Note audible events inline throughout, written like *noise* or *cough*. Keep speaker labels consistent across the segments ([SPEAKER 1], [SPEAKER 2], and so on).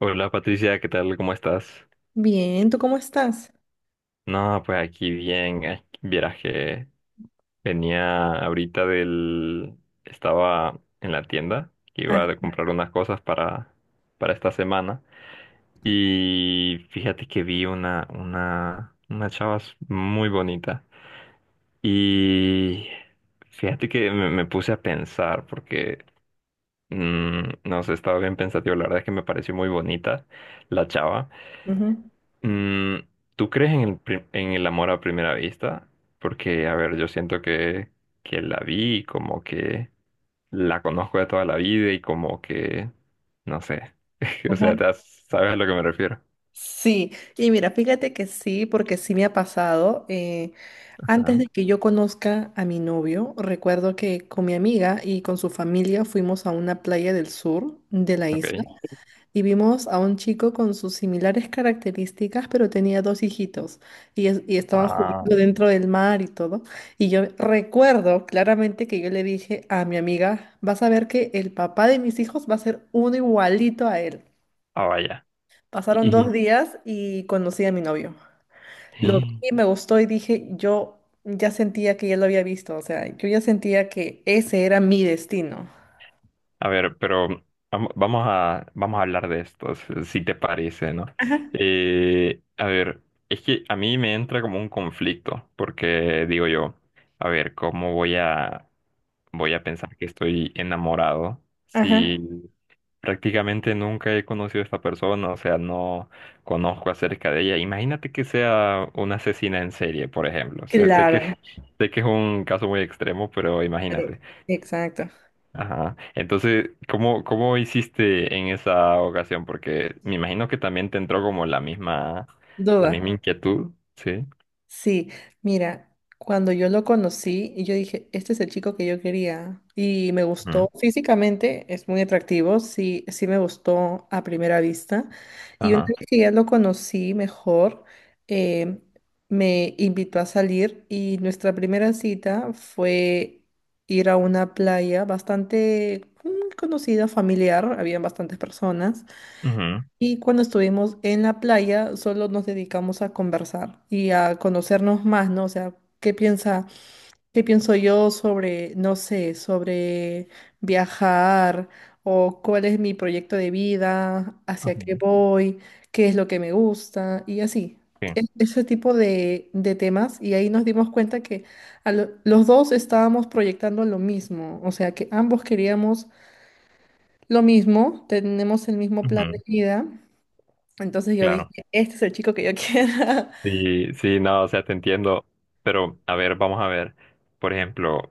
[SPEAKER 1] Hola Patricia, ¿qué tal? ¿Cómo estás?
[SPEAKER 2] Bien, ¿tú cómo estás?
[SPEAKER 1] No, pues aquí bien. Ay, vieras que venía ahorita del... Estaba en la tienda, que iba
[SPEAKER 2] Ah,
[SPEAKER 1] a comprar unas cosas para esta semana. Y fíjate que vi una, una chava muy bonita. Y fíjate que me puse a pensar, porque, no sé, estaba bien pensativo. La verdad es que me pareció muy bonita la chava.
[SPEAKER 2] ujú.
[SPEAKER 1] Mm, ¿Tú crees en en el amor a primera vista? Porque, a ver, yo siento que la vi, como que la conozco de toda la vida y como que, no sé, *laughs* o
[SPEAKER 2] Ajá.
[SPEAKER 1] sea, sabes a lo que me refiero.
[SPEAKER 2] Sí, y mira, fíjate que sí, porque sí me ha pasado. Antes
[SPEAKER 1] Ajá.
[SPEAKER 2] de que yo conozca a mi novio, recuerdo que con mi amiga y con su familia fuimos a una playa del sur de la isla.
[SPEAKER 1] Ok.
[SPEAKER 2] Y vimos a un chico con sus similares características, pero tenía dos hijitos y estaban
[SPEAKER 1] Ah,
[SPEAKER 2] jugando dentro del mar y todo. Y yo recuerdo claramente que yo le dije a mi amiga, vas a ver que el papá de mis hijos va a ser uno igualito a él.
[SPEAKER 1] ah, vaya.
[SPEAKER 2] Pasaron dos
[SPEAKER 1] Y,
[SPEAKER 2] días y conocí a mi novio. Lo vi, me
[SPEAKER 1] *laughs*
[SPEAKER 2] gustó y dije, yo ya sentía que ya lo había visto, o sea, yo ya sentía que ese era mi destino.
[SPEAKER 1] a ver, pero vamos a, vamos a hablar de estos, si te parece, ¿no?
[SPEAKER 2] Ajá.
[SPEAKER 1] A ver, es que a mí me entra como un conflicto, porque digo yo, a ver, ¿voy a pensar que estoy enamorado
[SPEAKER 2] Ajá,
[SPEAKER 1] si prácticamente nunca he conocido a esta persona? O sea, no conozco acerca de ella. Imagínate que sea una asesina en serie, por ejemplo. O sea, sé que,
[SPEAKER 2] claro,
[SPEAKER 1] *laughs* sé que es un caso muy extremo, pero
[SPEAKER 2] pero-
[SPEAKER 1] imagínate.
[SPEAKER 2] exacto.
[SPEAKER 1] Ajá. Entonces, ¿cómo hiciste en esa ocasión? Porque me imagino que también te entró como la
[SPEAKER 2] Duda.
[SPEAKER 1] misma inquietud, ¿sí?
[SPEAKER 2] Sí, mira, cuando yo lo conocí, y yo dije, este es el chico que yo quería y me gustó
[SPEAKER 1] Ujú.
[SPEAKER 2] físicamente, es muy atractivo, sí, sí me gustó a primera vista. Y una
[SPEAKER 1] Ajá.
[SPEAKER 2] vez que ya lo conocí mejor, eh, me invitó a salir y nuestra primera cita fue ir a una playa bastante conocida, familiar, habían bastantes personas.
[SPEAKER 1] Ujú.
[SPEAKER 2] Y cuando estuvimos en la playa, solo nos dedicamos a conversar y a conocernos más, ¿no? O sea, ¿qué piensa, ¿qué pienso yo sobre, no sé, sobre viajar o cuál es mi proyecto de vida, hacia qué
[SPEAKER 1] Ujú.
[SPEAKER 2] voy, qué es lo que me gusta y así.
[SPEAKER 1] Sí.
[SPEAKER 2] Ese tipo de temas y ahí nos dimos cuenta que los dos estábamos proyectando lo mismo, o sea que ambos queríamos lo mismo, tenemos el mismo plan de
[SPEAKER 1] Ujú.
[SPEAKER 2] vida. Entonces yo dije,
[SPEAKER 1] Claro.
[SPEAKER 2] este es el chico que yo quiero. *laughs*
[SPEAKER 1] Sí, sí, no, o sea, te entiendo. Pero, a ver, vamos a ver. Por ejemplo,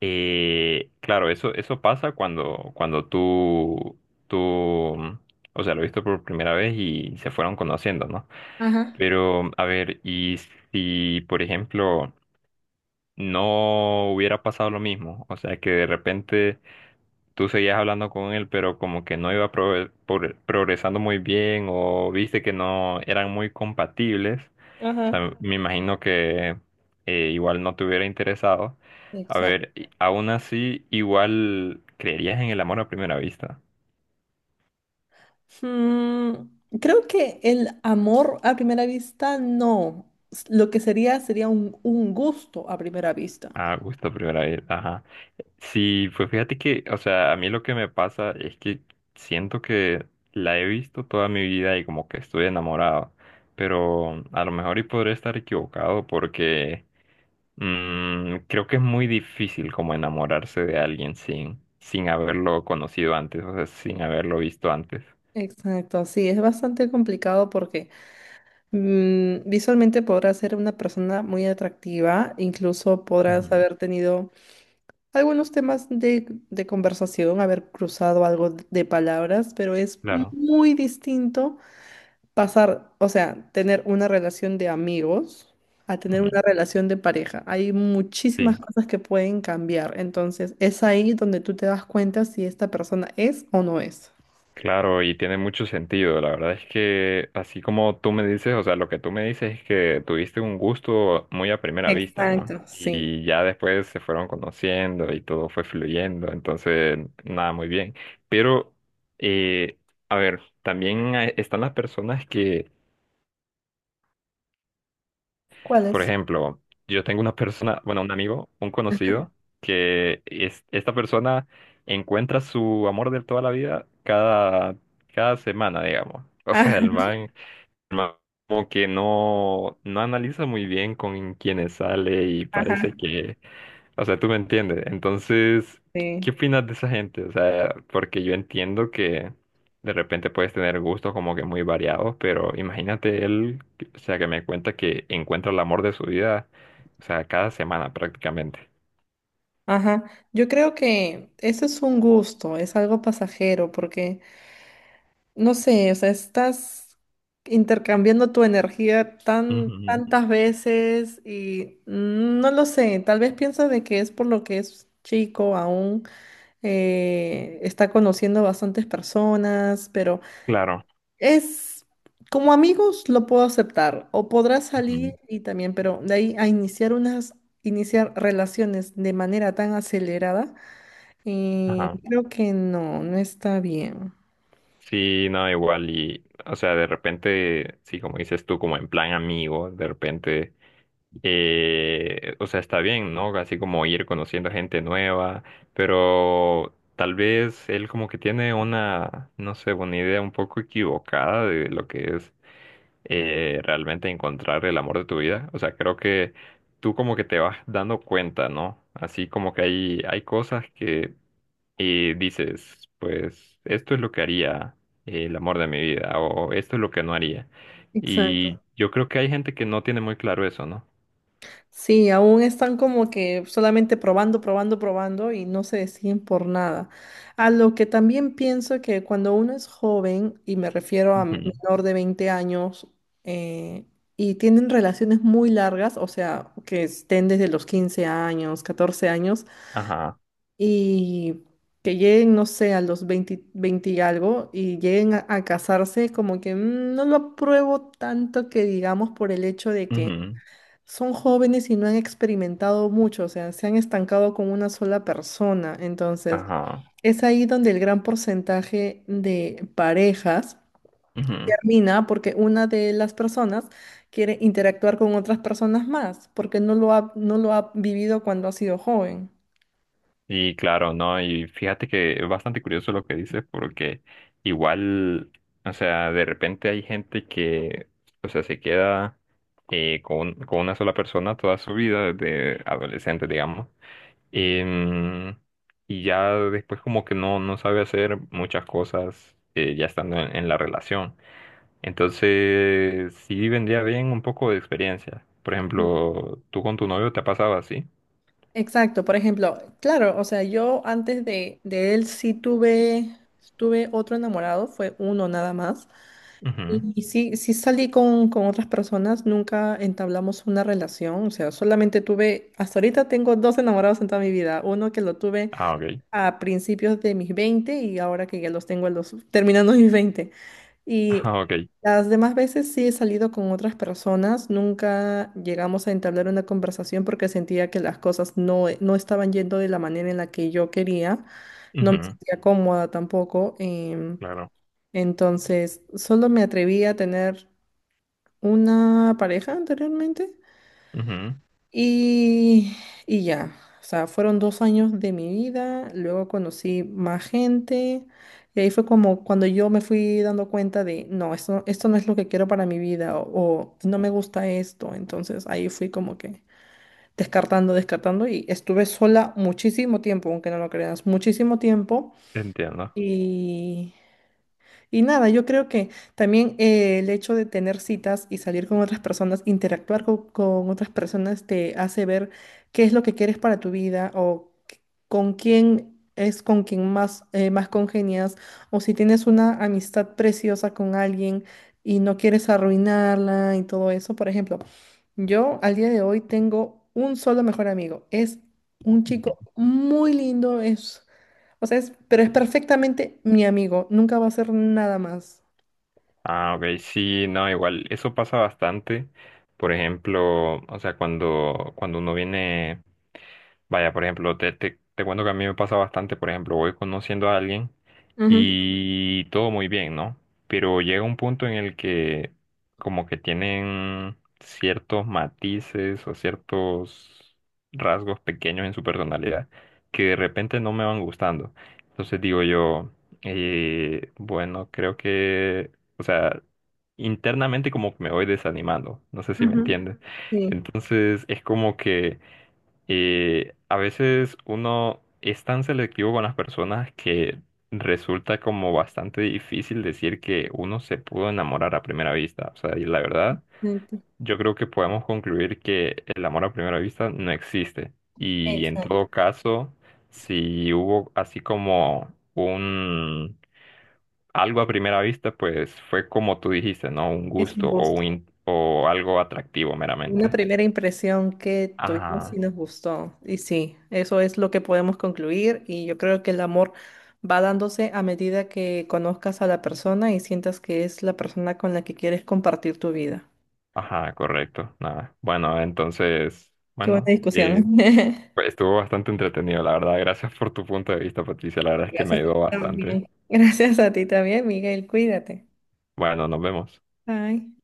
[SPEAKER 1] claro, eso pasa cuando, cuando tú, mm, o sea, lo viste por primera vez y se fueron conociendo, ¿no?
[SPEAKER 2] Ajá,
[SPEAKER 1] Pero, a ver, y si, por ejemplo, no hubiera pasado lo mismo. O sea, que de repente tú seguías hablando con él, pero como que no iba progresando muy bien o viste que no eran muy compatibles. O
[SPEAKER 2] ajá.
[SPEAKER 1] sea, me imagino que igual no te hubiera interesado. A
[SPEAKER 2] Exacto.
[SPEAKER 1] ver, aún así, igual creerías en el amor a primera vista.
[SPEAKER 2] Mm, Creo que el amor a primera vista no. Lo que sería un, gusto a primera vista.
[SPEAKER 1] A gusto a primera vista, ajá. Sí, pues fíjate que, o sea, a mí lo que me pasa es que siento que la he visto toda mi vida y como que estoy enamorado, pero a lo mejor y podré estar equivocado porque creo que es muy difícil como enamorarse de alguien sin, sin haberlo conocido antes, o sea, sin haberlo visto antes.
[SPEAKER 2] Exacto, sí, es bastante complicado porque visualmente podrás ser una persona muy atractiva, incluso
[SPEAKER 1] Ujú.
[SPEAKER 2] podrás haber tenido algunos temas de conversación, haber cruzado algo de palabras, pero es
[SPEAKER 1] Claro.
[SPEAKER 2] muy distinto pasar, o sea, tener una relación de amigos a tener
[SPEAKER 1] Ujú.
[SPEAKER 2] una relación de pareja. Hay muchísimas
[SPEAKER 1] Sí.
[SPEAKER 2] cosas que pueden cambiar. Entonces, es ahí donde tú te das cuenta si esta persona es o no es.
[SPEAKER 1] Claro, y tiene mucho sentido. La verdad es que así como tú me dices, o sea, lo que tú me dices es que tuviste un gusto muy a primera vista, ¿no?
[SPEAKER 2] Exacto, sí.
[SPEAKER 1] Y ya después se fueron conociendo y todo fue fluyendo, entonces nada, muy bien. Pero, eh, a ver, también están las personas que,
[SPEAKER 2] ¿Cuál
[SPEAKER 1] por
[SPEAKER 2] es?
[SPEAKER 1] ejemplo, yo tengo una persona, bueno, un amigo, un conocido, que es, esta persona encuentra su amor de toda la vida cada semana, digamos. O
[SPEAKER 2] Ah,
[SPEAKER 1] sea, el
[SPEAKER 2] *laughs*
[SPEAKER 1] man ma- como que no, no analiza muy bien con quienes sale y parece
[SPEAKER 2] ajá,
[SPEAKER 1] que, o sea, tú me entiendes. Entonces,
[SPEAKER 2] sí.
[SPEAKER 1] ¿qué opinas de esa gente? O sea, porque yo entiendo que de repente puedes tener gustos como que muy variados, pero imagínate él, o sea, que me cuenta que encuentra el amor de su vida, o sea, cada semana prácticamente.
[SPEAKER 2] Ajá. Yo creo que eso es un gusto, es algo pasajero, porque no sé, o sea, estás intercambiando tu energía
[SPEAKER 1] Ujú,
[SPEAKER 2] tantas veces y no lo sé, tal vez piensa de que es por lo que es chico aún, está conociendo bastantes personas, pero
[SPEAKER 1] claro.
[SPEAKER 2] es como amigos lo puedo aceptar o podrás salir
[SPEAKER 1] Ujú.
[SPEAKER 2] y también, pero de ahí a iniciar unas, iniciar relaciones de manera tan acelerada,
[SPEAKER 1] Ajá.
[SPEAKER 2] creo que no, no está bien.
[SPEAKER 1] Sí, no, igual y, o sea, de repente, sí, como dices tú, como en plan amigo, de repente o sea, está bien, ¿no? Así como ir conociendo gente nueva, pero tal vez él como que tiene una, no sé, una idea un poco equivocada de lo que es realmente encontrar el amor de tu vida. O sea, creo que tú como que te vas dando cuenta, ¿no? Así como que hay cosas que dices, pues esto es lo que haría el amor de mi vida o esto es lo que no haría. Y
[SPEAKER 2] Exacto.
[SPEAKER 1] yo creo que hay gente que no tiene muy claro eso, ¿no?
[SPEAKER 2] Sí, aún están como que solamente probando, probando, probando y no se deciden por nada. A lo que también pienso que cuando uno es joven, y me refiero a menor de 20 años, eh, y tienen relaciones muy largas, o sea, que estén desde los 15 años, 14 años,
[SPEAKER 1] Ajá,
[SPEAKER 2] y que lleguen, no sé, a los 20, y algo, y lleguen a casarse, como que no lo apruebo tanto que digamos por el hecho de que
[SPEAKER 1] ujú,
[SPEAKER 2] son jóvenes y no han experimentado mucho, o sea, se han estancado con una sola persona. Entonces,
[SPEAKER 1] ajá,
[SPEAKER 2] es ahí donde el gran porcentaje de parejas
[SPEAKER 1] ujú.
[SPEAKER 2] termina porque una de las personas quiere interactuar con otras personas más, porque no lo ha vivido cuando ha sido joven.
[SPEAKER 1] Y claro, ¿no? Y fíjate que es bastante curioso lo que dices porque igual, o sea, de repente hay gente que, o sea, se queda con una sola persona toda su vida, desde adolescente, digamos. Em, y ya después como que no, no sabe hacer muchas cosas ya estando en la relación. Entonces, sí vendría bien un poco de experiencia. Por ejemplo, ¿tú con tu novio te ha pasado así?
[SPEAKER 2] Exacto, por ejemplo, claro, o sea, yo antes de él sí tuve otro enamorado, fue uno nada más.
[SPEAKER 1] Ujú.
[SPEAKER 2] Y sí, sí salí con otras personas, nunca entablamos una relación, o sea, solamente tuve, hasta ahorita tengo dos enamorados en toda mi vida, uno que lo tuve
[SPEAKER 1] Ah, ok.
[SPEAKER 2] a principios de mis 20 y ahora que ya los tengo a los, *laughs* terminando mis veinte. Y
[SPEAKER 1] Ah, ok.
[SPEAKER 2] las demás veces sí he salido con otras personas, nunca llegamos a entablar una conversación porque sentía que las cosas no estaban yendo de la manera en la que yo quería, no me
[SPEAKER 1] Ujú.
[SPEAKER 2] sentía cómoda tampoco.
[SPEAKER 1] Claro.
[SPEAKER 2] Entonces, solo me atreví a tener una pareja anteriormente
[SPEAKER 1] Ujú.
[SPEAKER 2] y, y ya, o sea, fueron 2 años de mi vida, luego conocí más gente y ahí fue como cuando yo me fui dando cuenta de, no, esto no es lo que quiero para mi vida o no me gusta esto, entonces ahí fui como que descartando, descartando y estuve sola muchísimo tiempo, aunque no lo creas, muchísimo tiempo
[SPEAKER 1] Entiendo.
[SPEAKER 2] y y nada, yo creo que también el hecho de tener citas y salir con otras personas, interactuar otras personas, te hace ver qué es lo que quieres para tu vida o con quién es con quien más, más congenias o si tienes una amistad preciosa con alguien y no quieres arruinarla y todo eso. Por ejemplo, yo al día de hoy tengo un solo mejor amigo. Es un chico
[SPEAKER 1] Ujú.
[SPEAKER 2] muy lindo, es, o sea, es, pero es perfectamente mi amigo. Nunca va a ser nada más.
[SPEAKER 1] Ah, ok, sí, no, igual, eso pasa bastante. Por ejemplo, o sea, cuando, cuando uno viene, vaya, por ejemplo, te cuento que a mí me pasa bastante, por ejemplo, voy conociendo a alguien
[SPEAKER 2] Ujú,
[SPEAKER 1] y todo muy bien, ¿no? Pero llega un punto en el que como que tienen ciertos matices o ciertos rasgos pequeños en su personalidad que de repente no me van gustando. Entonces digo yo, bueno, creo que o sea, internamente como que me voy desanimando, no sé si me
[SPEAKER 2] ujú.
[SPEAKER 1] entiendes.
[SPEAKER 2] Sí,
[SPEAKER 1] Entonces es como que a veces uno es tan selectivo con las personas que resulta como bastante difícil decir que uno se pudo enamorar a primera vista. O sea, y la verdad,
[SPEAKER 2] exacto.
[SPEAKER 1] yo creo que podemos concluir que el amor a primera vista no existe. Y en
[SPEAKER 2] Exacto.
[SPEAKER 1] todo caso, si hubo así como un algo a primera vista, pues fue como tú dijiste, ¿no? Un
[SPEAKER 2] Es un
[SPEAKER 1] gusto o,
[SPEAKER 2] gusto.
[SPEAKER 1] un, in- o algo atractivo
[SPEAKER 2] Una
[SPEAKER 1] meramente.
[SPEAKER 2] primera impresión que tuvimos y
[SPEAKER 1] Ajá,
[SPEAKER 2] nos gustó. Y sí, eso es lo que podemos concluir. Y yo creo que el amor va dándose a medida que conozcas a la persona y sientas que es la persona con la que quieres compartir tu vida.
[SPEAKER 1] ajá, correcto. Nada. Bueno, entonces,
[SPEAKER 2] Qué buena
[SPEAKER 1] bueno,
[SPEAKER 2] discusión. *laughs*
[SPEAKER 1] pues, estuvo bastante entretenido, la verdad. Gracias por tu punto de vista, Patricia. La verdad es que me
[SPEAKER 2] Gracias a ti
[SPEAKER 1] ayudó bastante.
[SPEAKER 2] también. *laughs* Gracias a ti también, Miguel. Cuídate.
[SPEAKER 1] Bueno, nos vemos.
[SPEAKER 2] Bye.